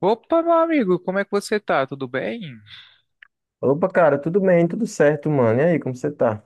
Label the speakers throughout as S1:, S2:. S1: Opa, meu amigo, como é que você tá? Tudo bem?
S2: Opa, cara, tudo bem, tudo certo, mano. E aí, como você tá?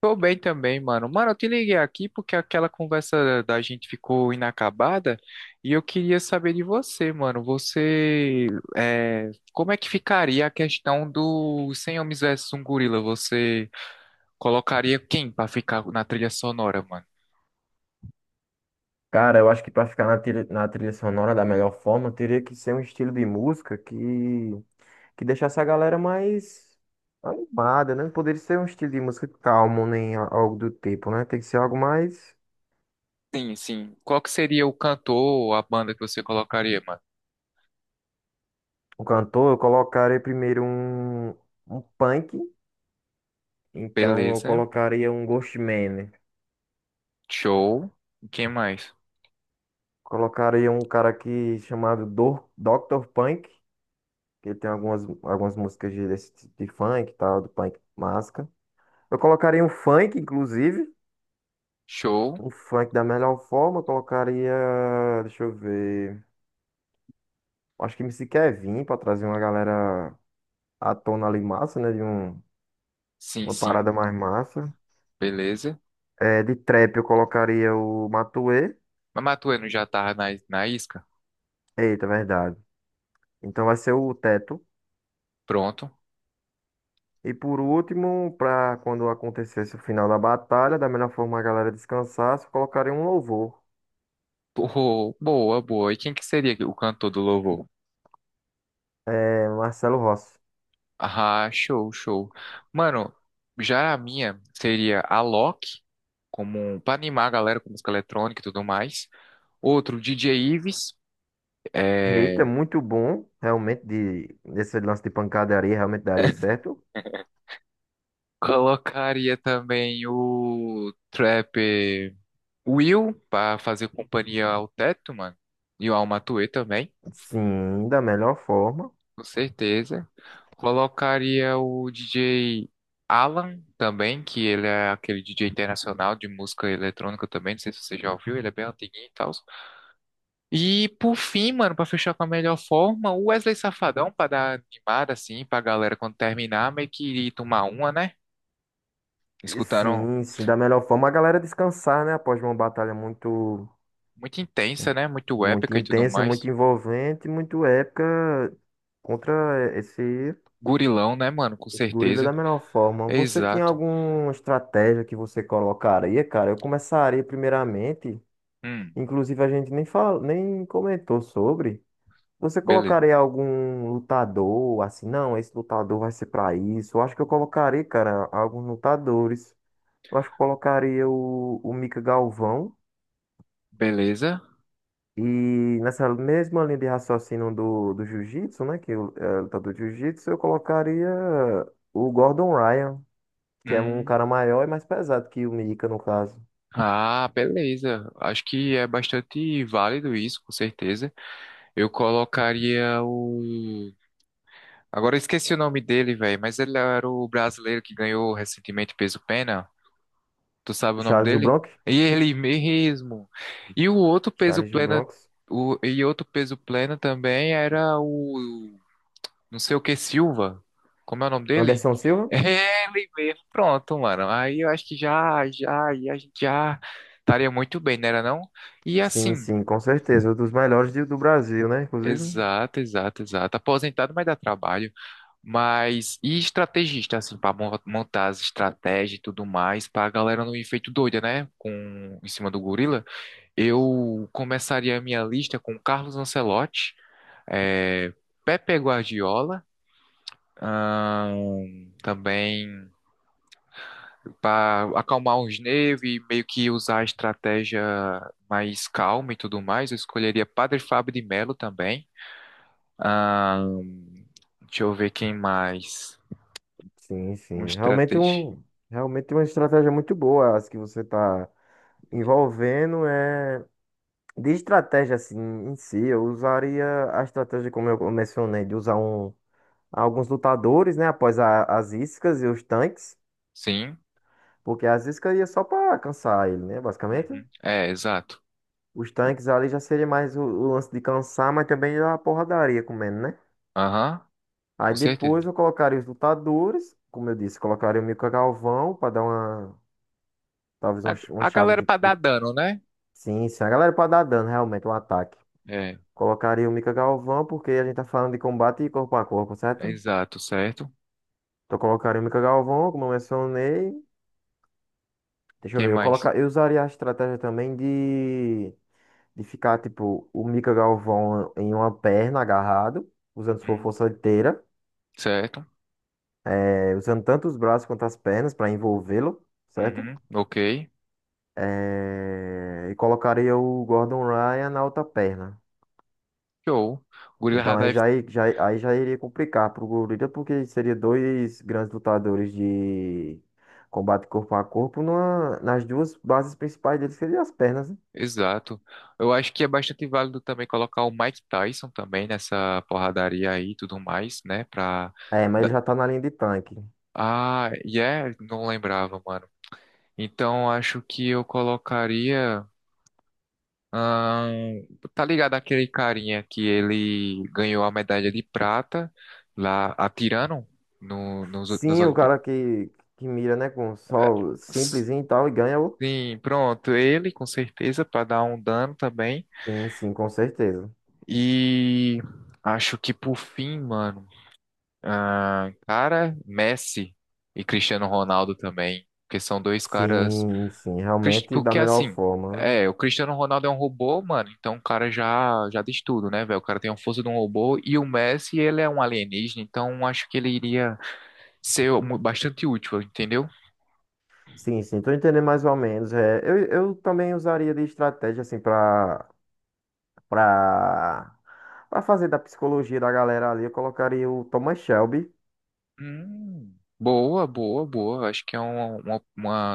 S1: Tô bem também, mano. Mano, eu te liguei aqui porque aquela conversa da gente ficou inacabada e eu queria saber de você, mano. Você, como é que ficaria a questão do 100 Homens versus um Gorila? Você colocaria quem pra ficar na trilha sonora, mano?
S2: Cara, eu acho que pra ficar na trilha sonora da melhor forma, teria que ser um estilo de música que deixasse a galera mais animada, né? Não poderia ser um estilo de música calmo, nem algo do tipo, né? Tem que ser algo mais.
S1: Sim, sim. Qual que seria o cantor ou a banda que você colocaria, mano?
S2: O cantor, eu colocaria primeiro um punk, então eu
S1: Beleza.
S2: colocaria um Ghostman, né?
S1: Show. Quem mais?
S2: Colocaria um cara aqui chamado Dr. Punk. Que tem algumas músicas desse tipo de funk e tal, do punk masca. Eu colocaria um funk, inclusive.
S1: Show.
S2: Um funk da melhor forma. Eu colocaria. Deixa eu ver. Acho que MC Kevin pra trazer uma galera à tona ali massa, né?
S1: Sim,
S2: Uma
S1: sim.
S2: parada mais massa.
S1: Beleza.
S2: É, de trap eu colocaria o Matuê.
S1: Mas Matueno já tava na isca?
S2: Eita, verdade. Então vai ser o Teto.
S1: Pronto.
S2: E por último, pra quando acontecesse o final da batalha, da melhor forma a galera descansasse, eu colocaria um louvor.
S1: Pô, boa, boa. E quem que seria o cantor do louvor?
S2: É, Marcelo Rossi.
S1: Ah, show, show. Mano, já a minha seria a Loki, como pra animar a galera com música eletrônica e tudo mais. Outro, DJ Ives.
S2: Eita, é
S1: É,
S2: muito bom, realmente, esse lance de pancadaria, realmente daria certo.
S1: Colocaria também o Trap Will pra fazer companhia ao Teto, mano. E ao Matuê também.
S2: Sim, da melhor forma.
S1: Com certeza. Colocaria o DJ Alan também, que ele é aquele DJ internacional de música eletrônica também. Não sei se você já ouviu, ele é bem antiguinho e tal. E por fim, mano, pra fechar com a melhor forma, o Wesley Safadão, pra dar animada assim, pra galera quando terminar, meio que ir tomar uma, né?
S2: E
S1: Escutaram
S2: sim, sim, da melhor forma a galera descansar, né? Após uma batalha
S1: muito intensa, né? Muito
S2: muito
S1: épica e tudo
S2: intensa, muito
S1: mais.
S2: envolvente, muito épica contra esse,
S1: Gurilão, né, mano? Com
S2: esse gorila
S1: certeza.
S2: da melhor forma. Você tinha
S1: Exato.
S2: alguma estratégia que você colocaria, cara? Eu começaria primeiramente,
S1: Hum,
S2: inclusive a gente nem fala, nem comentou sobre. Você
S1: beleza.
S2: colocaria algum lutador assim? Não, esse lutador vai ser pra isso. Eu acho que eu colocaria, cara, alguns lutadores. Eu acho que eu colocaria o Mika Galvão.
S1: Beleza.
S2: E nessa mesma linha de raciocínio do jiu-jitsu, né? É lutador de jiu-jitsu, eu colocaria o Gordon Ryan, que é um cara
S1: Hum.
S2: maior e mais pesado que o Mika, no caso.
S1: Ah, beleza. Acho que é bastante válido isso, com certeza. Eu colocaria o. Agora eu esqueci o nome dele, velho, mas ele era o brasileiro que ganhou recentemente peso pena. Tu sabe o nome
S2: Charles do
S1: dele?
S2: Bronx?
S1: E ele mesmo. E o outro peso
S2: Charles do
S1: plena,
S2: Bronx.
S1: o... e outro peso plena também era o não sei o que Silva. Como é o nome dele?
S2: Anderson Silva?
S1: Ele mesmo. Pronto, mano. Aí eu acho que e a gente já estaria muito bem, não era não? E
S2: Sim,
S1: assim,
S2: sim, com certeza. Um dos melhores do Brasil, né? Inclusive.
S1: exato, exato, exato. Aposentado, mas dá trabalho. Mas e estrategista, assim, para montar as estratégias e tudo mais, para a galera não ir feito doida, né? Com em cima do gorila. Eu começaria a minha lista com Carlos Ancelotti, é, Pepe Guardiola. Também para acalmar os nervos e meio que usar a estratégia mais calma e tudo mais, eu escolheria Padre Fábio de Melo também. Ahn, deixa eu ver quem mais.
S2: Sim,
S1: Um
S2: sim.
S1: estratégia.
S2: Realmente uma estratégia muito boa, as que você está envolvendo é de estratégia assim em si, eu usaria a estratégia como eu mencionei de usar um alguns lutadores, né, após as iscas e os tanques,
S1: Sim.
S2: porque as iscas ia só para cansar ele, né, basicamente.
S1: Uhum. É, exato.
S2: Os tanques ali já seria mais o lance de cansar, mas também a porradaria comendo, né?
S1: Aham,
S2: Aí
S1: com certeza.
S2: depois eu colocaria os lutadores, como eu disse, colocaria o Mika Galvão para dar uma talvez uma,
S1: A,
S2: uma
S1: a
S2: chave
S1: galera
S2: de,
S1: para dar
S2: de
S1: dano, né?
S2: Sim, sim. A galera pode dar dano, realmente, um ataque.
S1: É,
S2: Colocaria o Mika Galvão, porque a gente tá falando de combate corpo a corpo, certo?
S1: exato, certo.
S2: Então colocaria o Mika Galvão, como eu mencionei. Deixa eu
S1: Quem
S2: ver, eu,
S1: mais?
S2: coloca... eu usaria a estratégia também de ficar, tipo, o Mika Galvão em uma perna agarrado, usando sua
S1: Hum,
S2: força inteira,
S1: certo.
S2: usando tanto os braços quanto as pernas para envolvê-lo, certo?
S1: Uhum, ok.
S2: E colocaria o Gordon Ryan na outra perna.
S1: Show. Gurila.
S2: Então aí já, i- aí já iria complicar pro gorila, porque seria dois grandes lutadores de combate corpo a corpo nas duas bases principais dele, que seriam as pernas, né?
S1: Exato. Eu acho que é bastante válido também colocar o Mike Tyson também nessa porradaria aí e tudo mais, né? Pra.
S2: É, mas ele
S1: Da-
S2: já tá na linha de tanque.
S1: Yeah, não lembrava, mano. Então acho que eu colocaria. ahn, tá ligado aquele carinha que ele ganhou a medalha de prata lá atirando no, nos, nas
S2: Sim, o
S1: Olimpíadas?
S2: cara que mira, né, com só simplesinho e tal, e ganha o...
S1: Sim, pronto. Ele, com certeza, pra dar um dano também.
S2: Sim, sim, com certeza.
S1: E acho que por fim, mano. Ah, cara, Messi e Cristiano Ronaldo também, porque são dois caras.
S2: Sim, sim,
S1: Cris-
S2: realmente da
S1: Porque
S2: melhor
S1: assim,
S2: forma.
S1: é, o Cristiano Ronaldo é um robô, mano, então o cara já diz tudo, né, velho? O cara tem a força de um robô e o Messi, ele é um alienígena, então acho que ele iria ser mu- bastante útil, entendeu?
S2: Sim, sim, tô entendendo mais ou menos. É, eu também usaria de estratégia, assim, Pra, pra fazer da psicologia da galera ali, eu colocaria o Thomas Shelby.
S1: Boa, boa, boa. Acho que é uma, uma,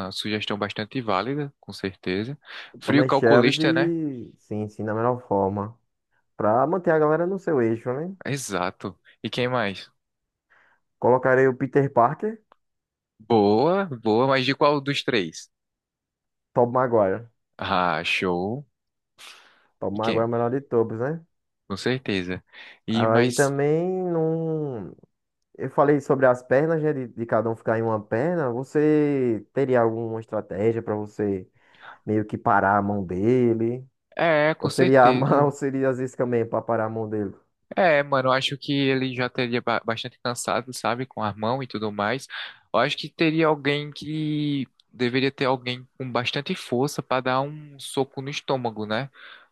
S1: uma sugestão bastante válida, com certeza.
S2: O
S1: Frio
S2: Thomas Shelby,
S1: calculista, né?
S2: e, sim, sim, da melhor forma. Pra manter a galera no seu eixo, né?
S1: Exato. E quem mais?
S2: Colocarei o Peter Parker,
S1: Boa, boa, mas de qual dos três?
S2: Tobey Maguire.
S1: Ah, show.
S2: Tobey
S1: E
S2: Maguire é o
S1: quem?
S2: melhor de todos, né?
S1: Com certeza. E
S2: Aí
S1: mas
S2: também não. Eu falei sobre as pernas, né? De cada um ficar em uma perna. Você teria alguma estratégia pra você meio que parar a mão dele?
S1: é, com
S2: Ou seria,
S1: certeza.
S2: ou seria às vezes também pra parar a mão dele?
S1: É, mano, eu acho que ele já teria ba- bastante cansado, sabe, com a mão e tudo mais. Eu acho que teria alguém que deveria ter alguém com bastante força para dar um soco no estômago, né?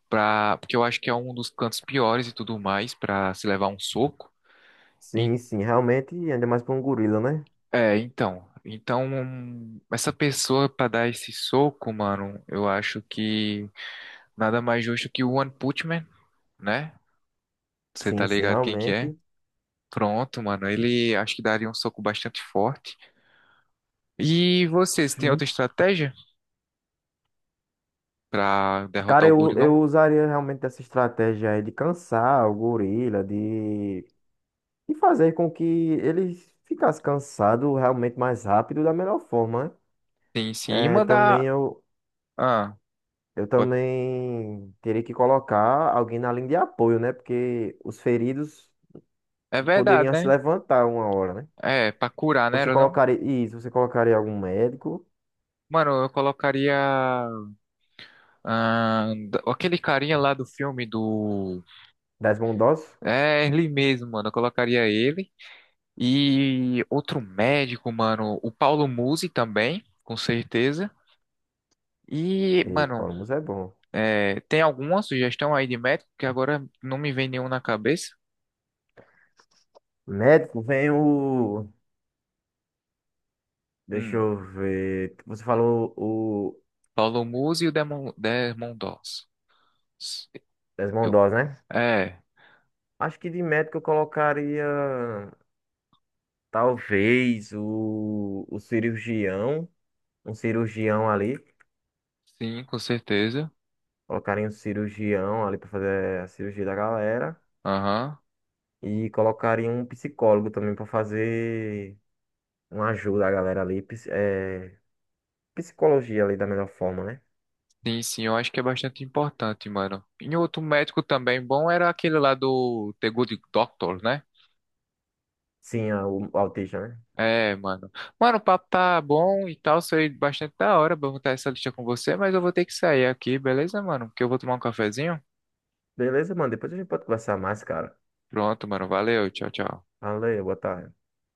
S1: Pra, porque eu acho que é um dos cantos piores e tudo mais pra se levar um soco. En-
S2: Sim, sim, realmente, ainda mais pra um gorila, né?
S1: É, então, então um, essa pessoa pra dar esse soco, mano, eu acho que nada mais justo que o One Punch Man, né? Você tá
S2: Sim, sim,
S1: ligado quem que é?
S2: realmente.
S1: Pronto, mano, ele acho que daria um soco bastante forte. E vocês tem outra
S2: Sim.
S1: estratégia pra derrotar
S2: Cara,
S1: o
S2: eu,
S1: gorilão?
S2: eu usaria realmente essa estratégia aí de cansar o gorila, de fazer com que ele ficasse cansado realmente mais rápido da melhor forma, né?
S1: Tem sim, e
S2: É,
S1: mandar, ah,
S2: eu
S1: pode-
S2: também teria que colocar alguém na linha de apoio, né? Porque os feridos
S1: é verdade,
S2: poderiam se
S1: né?
S2: levantar uma hora, né?
S1: É, pra curar, né,
S2: Você
S1: ou não?
S2: colocaria, isso, você colocaria algum médico,
S1: Mano, eu colocaria. Ah, d- aquele carinha lá do filme do.
S2: das bondosas?
S1: É, ele mesmo, mano. Eu colocaria ele. E outro médico, mano. O Paulo Musi também, com certeza. E,
S2: Eita,
S1: mano,
S2: Paulo Musa é bom.
S1: é, tem alguma sugestão aí de médico que agora não me vem nenhum na cabeça?
S2: Médico vem o. Deixa
S1: Hum,
S2: eu ver. Você falou o
S1: Paulo Musi e o Demon, Desmond Doss. Eu,
S2: Lesmondós, né?
S1: é,
S2: Acho que de médico eu colocaria talvez o cirurgião, um cirurgião ali.
S1: sim, com certeza.
S2: Colocaria um cirurgião ali para fazer a cirurgia da galera.
S1: Aham.
S2: E colocaria um psicólogo também para fazer uma ajuda à galera ali. Psicologia ali da melhor forma, né?
S1: Sim, sim, eu acho que é bastante importante, mano. E outro médico também bom era aquele lá do The Good Doctor, né?
S2: Sim, o autista, né?
S1: É, mano. Mano, o papo tá bom e tal, foi bastante da hora pra eu montar essa lista com você, mas eu vou ter que sair aqui, beleza, mano? Porque eu vou tomar um cafezinho.
S2: Beleza, mano. Depois a gente pode conversar mais, cara.
S1: Pronto, mano, valeu, tchau, tchau.
S2: Valeu, boa tarde.